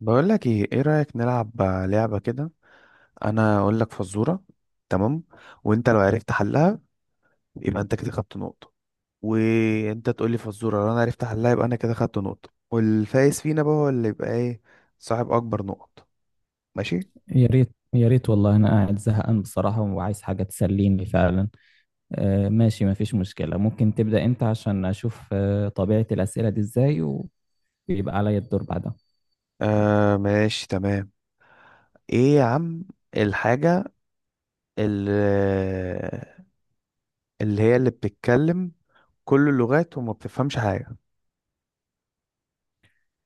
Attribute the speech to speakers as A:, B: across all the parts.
A: بقول لك ايه، ايه رأيك نلعب لعبة كده؟ انا اقول لك فزورة، تمام؟ وانت لو عرفت حلها يبقى انت كده خدت نقطة. وانت تقول لي فزورة، لو انا عرفت حلها يبقى انا كده خدت نقطة، والفايز فينا بقى هو اللي يبقى ايه، صاحب اكبر نقط. ماشي.
B: يا ريت يا ريت والله انا قاعد زهقان بصراحة وعايز حاجة تسليني فعلا. ماشي، مفيش مشكلة. ممكن تبدأ انت عشان اشوف طبيعة الأسئلة دي ازاي، ويبقى عليا الدور بعدها.
A: آه، ماشي تمام. ايه يا عم، الحاجة اللي, اللي هي اللي بتتكلم كل اللغات وما بتفهمش حاجة؟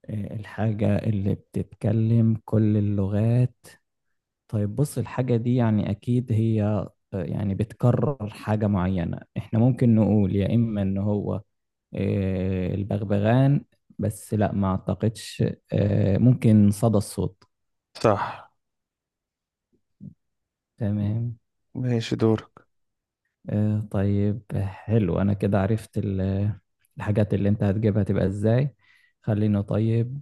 B: الحاجة اللي بتتكلم كل اللغات؟ طيب بص، الحاجة دي يعني اكيد هي يعني بتكرر حاجة معينة، احنا ممكن نقول يا اما ان هو البغبغان، بس لا، ما اعتقدش. ممكن صدى الصوت.
A: صح.
B: تمام.
A: ماشي دورك.
B: طيب حلو، أنا كده عرفت الحاجات اللي أنت هتجيبها تبقى إزاي. خليني، طيب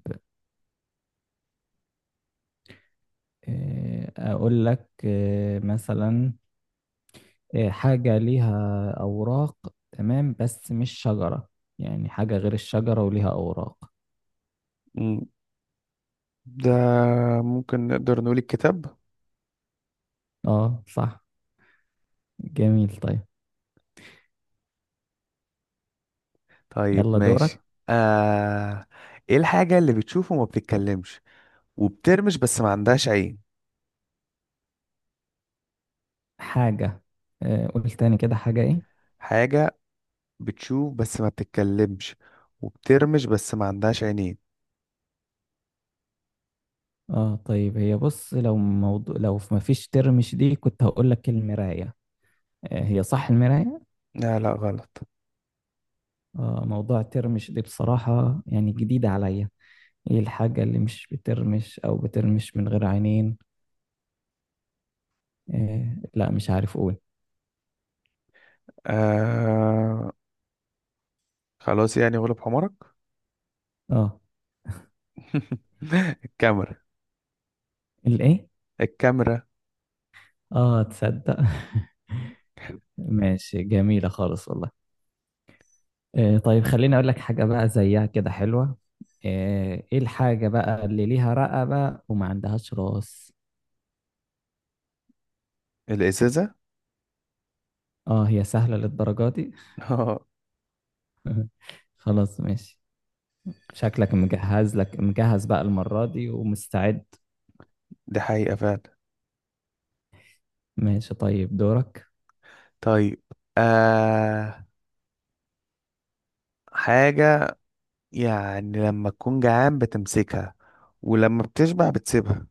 B: أقول لك مثلا، حاجة ليها أوراق، تمام، بس مش شجرة، يعني حاجة غير الشجرة وليها أوراق.
A: مم. ده ممكن نقدر نقول الكتاب.
B: أه صح. جميل، طيب.
A: طيب
B: يلا
A: ماشي.
B: دورك.
A: آه... ايه الحاجة اللي بتشوف وما بتتكلمش وبترمش بس ما عندهاش عين؟
B: حاجة. قول تاني كده، حاجة إيه؟
A: حاجة بتشوف بس ما بتتكلمش وبترمش بس ما عندهاش عينين.
B: أه طيب، هي بص، لو موضوع، لو ما فيش ترم، دي كنت هقول لك المراية. هي صح، المراية.
A: لا لا غلط.
B: موضوع الترمش دي بصراحة يعني جديدة عليا. ايه الحاجة اللي مش بترمش او بترمش من غير عينين؟ إيه، لا مش عارف اقول.
A: آه... خلاص يعني غلب حمارك.
B: اه.
A: الكاميرا.
B: الايه؟
A: الكاميرا.
B: اه، تصدق. ماشي، جميلة خالص والله. إيه، طيب خليني اقول لك حاجة بقى زيها كده حلوة. ايه، إيه الحاجة بقى اللي ليها رقبة وما عندهاش راس؟
A: الإزازة.
B: اه، هي سهلة للدرجة دي؟ خلاص ماشي. شكلك مجهز، لك مجهز بقى المرة دي ومستعد.
A: دي حقيقة فعلا.
B: ماشي، طيب دورك.
A: طيب، آه... حاجة يعني لما تكون جعان بتمسكها، ولما بتشبع بتسيبها.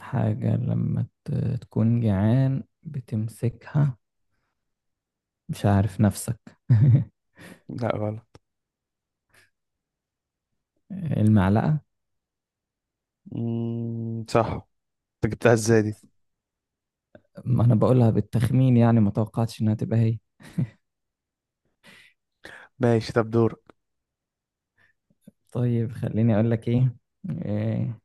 B: حاجة لما تكون جعان بتمسكها، مش عارف نفسك.
A: لا غلط.
B: المعلقة.
A: مم، صح. انت جبتها ازاي دي؟
B: ما أنا بقولها بالتخمين، يعني ما توقعتش إنها تبقى هي.
A: ماشي طب دورك.
B: طيب خليني أقول لك إيه. إيه-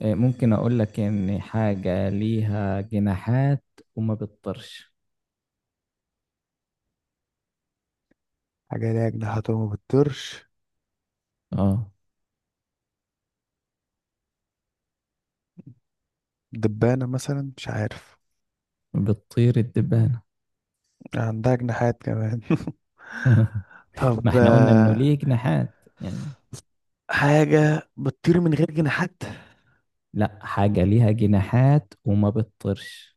B: إيه، ممكن أقول لك إن حاجة ليها جناحات وما بتطيرش.
A: حاجة ليها جناحات وما بتطيرش؟
B: آه.
A: دبانة مثلا، مش عارف.
B: بتطير الدبانة؟
A: عندها جناحات كمان.
B: ما
A: طب،
B: إحنا قلنا إنه ليه جناحات يعني.
A: حاجة بتطير من غير جناحات؟
B: لا، حاجة ليها جناحات وما بتطيرش.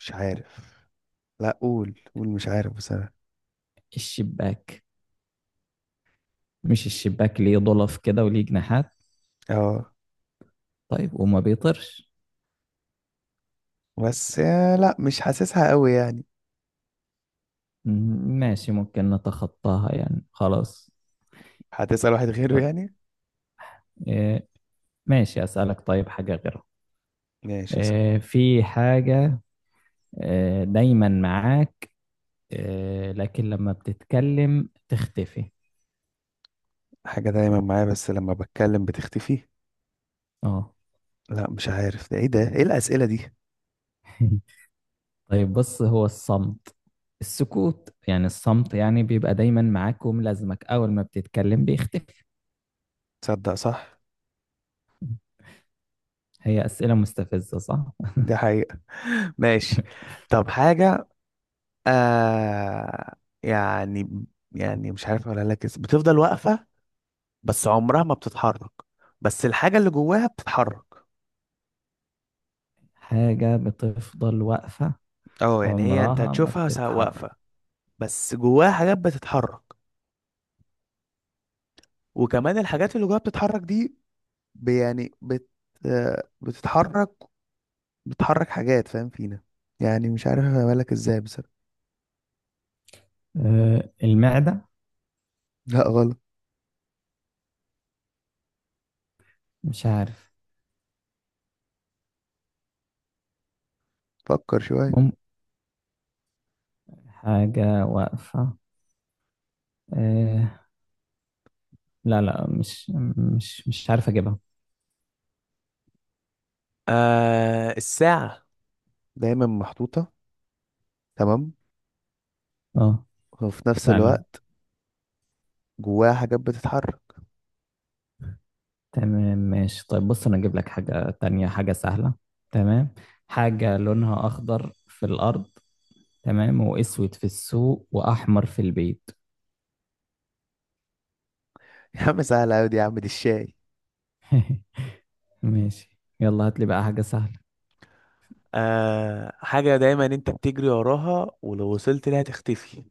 A: مش عارف. لا، قول قول، مش عارف بصراحة.
B: الشباك. مش الشباك ليه ضلف كده وليه جناحات؟
A: اه.
B: طيب وما بيطيرش.
A: بس لا مش حاسسها قوي يعني.
B: م- ماشي، ممكن نتخطاها يعني، خلاص.
A: هتسأل واحد غيره
B: طيب.
A: يعني.
B: إيه. ماشي، أسألك طيب حاجة غيرها.
A: ماشي اسأل.
B: إيه، في حاجة إيه دايما معاك، إيه لكن لما بتتكلم تختفي.
A: حاجة دايما معايا بس لما بتكلم بتختفي؟
B: اه.
A: لا مش عارف، ده ايه الأسئلة دي؟
B: طيب بص، هو الصمت، السكوت، يعني الصمت يعني بيبقى دايما معاك وملازمك، أول ما بتتكلم بيختفي.
A: تصدق صح.
B: هي أسئلة مستفزة صح؟
A: دي حقيقة. ماشي طب حاجة، آه يعني يعني مش عارف اقولها لك بتفضل واقفة، بس عمرها ما بتتحرك، بس الحاجة اللي جواها بتتحرك.
B: حاجة بتفضل واقفة،
A: اه يعني هي، انت
B: عمرها ما
A: هتشوفها
B: بتتحرك.
A: واقفة، بس جواها حاجات بتتحرك، وكمان الحاجات اللي جواها بتتحرك دي ب- يعني بت آه، بتتحرك، بتحرك حاجات، فاهم فينا، يعني مش عارف اقولها لك ازاي بصراحة.
B: المعدة.
A: لا غلط.
B: مش عارف.
A: فكر شوية.
B: مم. حاجة واقفة. آه، لا لا، مش عارف أجيبها.
A: آه، الساعة دايما محطوطة، تمام،
B: اه.
A: وفي نفس
B: فعلا.
A: الوقت جواها حاجات بتتحرك.
B: تمام ماشي. طيب بص، أنا أجيب لك حاجة تانية، حاجة سهلة. تمام، حاجة لونها أخضر في الأرض، تمام، وأسود في السوق، وأحمر في البيت.
A: يا عم سهلة أوي دي، يا عم دي الشاي.
B: ماشي، يلا هات لي بقى حاجة سهلة.
A: حاجة دايما انت بتجري وراها ولو وصلت لها تختفي.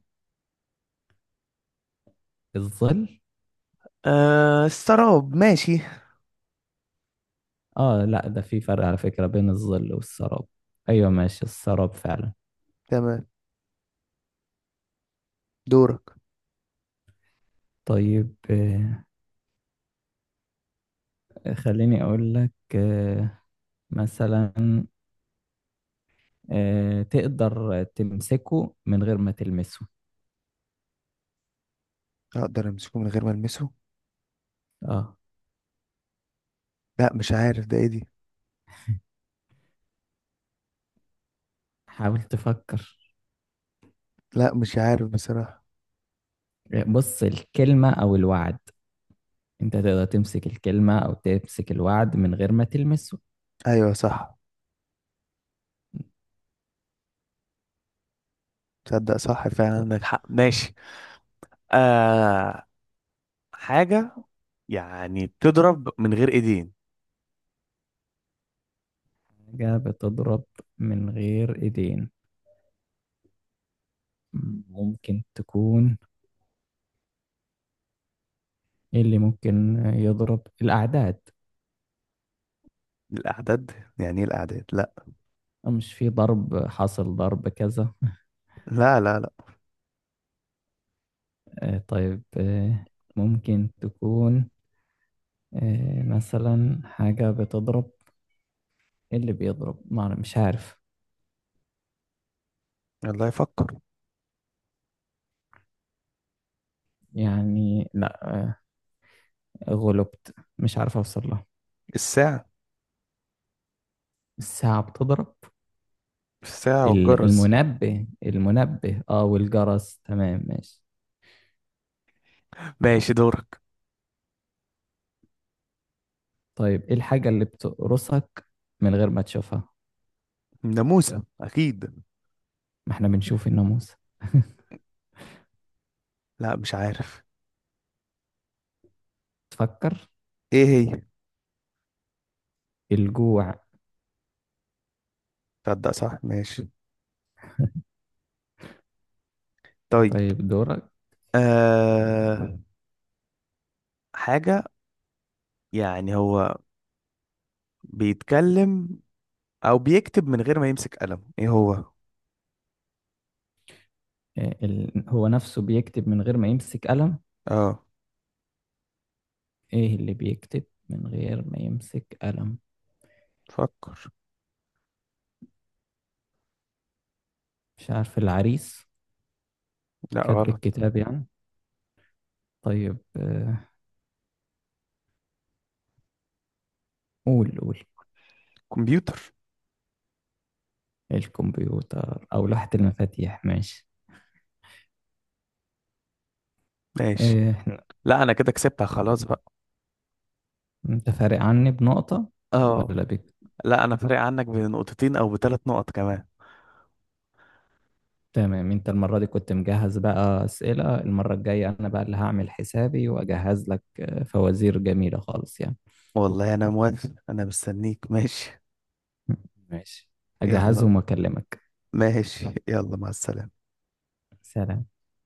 B: الظل.
A: السراب، ماشي.
B: اه لا، ده في فرق على فكرة بين الظل والسراب. ايوه، ماشي السراب فعلا.
A: تمام دورك.
B: طيب خليني أقول لك مثلا، تقدر تمسكه من غير ما تلمسه.
A: أقدر أمسكه من غير ما ألمسه؟
B: اه.
A: لا مش عارف ده إيه دي.
B: حاول تفكر.
A: لا مش عارف بصراحة.
B: بص، الكلمة أو الوعد، أنت تقدر تمسك الكلمة أو تمسك الوعد من غير ما تلمسه.
A: أيوة صح. تصدق صح، فعلا فعلا
B: طيب.
A: عندك حق، ماشي. آه حاجة يعني بتضرب من غير ايدين.
B: حاجة بتضرب من غير إيدين، ممكن تكون إيه اللي ممكن يضرب، الأعداد؟
A: الأعداد، يعني إيه الأعداد، لا.
B: مش في ضرب حاصل ضرب كذا؟
A: لا لا لا.
B: طيب ممكن تكون إيه مثلا، حاجة بتضرب، إيه اللي بيضرب ما أعرف- مش عارف،
A: الله يفكر.
B: يعني لا، غلبت مش عارف أوصل لها.
A: الساعة.
B: الساعة بتضرب.
A: الساعة والجرس.
B: المنبه المنبه، اه، والجرس، تمام ماشي.
A: ماشي دورك.
B: طيب ايه الحاجة اللي بتقرصك من غير ما تشوفها؟
A: ناموسة أكيد.
B: ما احنا بنشوف الناموس.
A: لا مش عارف.
B: تفكر.
A: إيه هي؟
B: الجوع.
A: تصدق صح، ماشي طيب.
B: طيب دورك.
A: أه حاجة يعني هو بيتكلم أو بيكتب من غير ما يمسك قلم، إيه هو؟
B: إيه هو نفسه بيكتب من غير ما يمسك قلم.
A: أه.
B: ايه اللي بيكتب من غير ما يمسك قلم؟
A: فكر.
B: مش عارف، العريس،
A: لا
B: كاتب
A: غلط.
B: الكتاب يعني. طيب قول قول.
A: كمبيوتر.
B: الكمبيوتر أو لوحة المفاتيح، ماشي.
A: ماشي.
B: إيه.
A: لا أنا كده كسبتها خلاص بقى.
B: أنت فارق عني بنقطة
A: أه.
B: ولا بك؟
A: لا أنا فارق عنك بنقطتين أو بثلاث نقط كمان.
B: تمام، أنت المرة دي كنت مجهز بقى أسئلة. المرة الجاية أنا بقى اللي هعمل حسابي وأجهز لك فوازير جميلة خالص يعني.
A: والله أنا موافق، أنا مستنيك، ماشي.
B: ماشي،
A: يلا.
B: أجهزهم وأكلمك.
A: ماشي يلا مع السلامة.
B: سلام.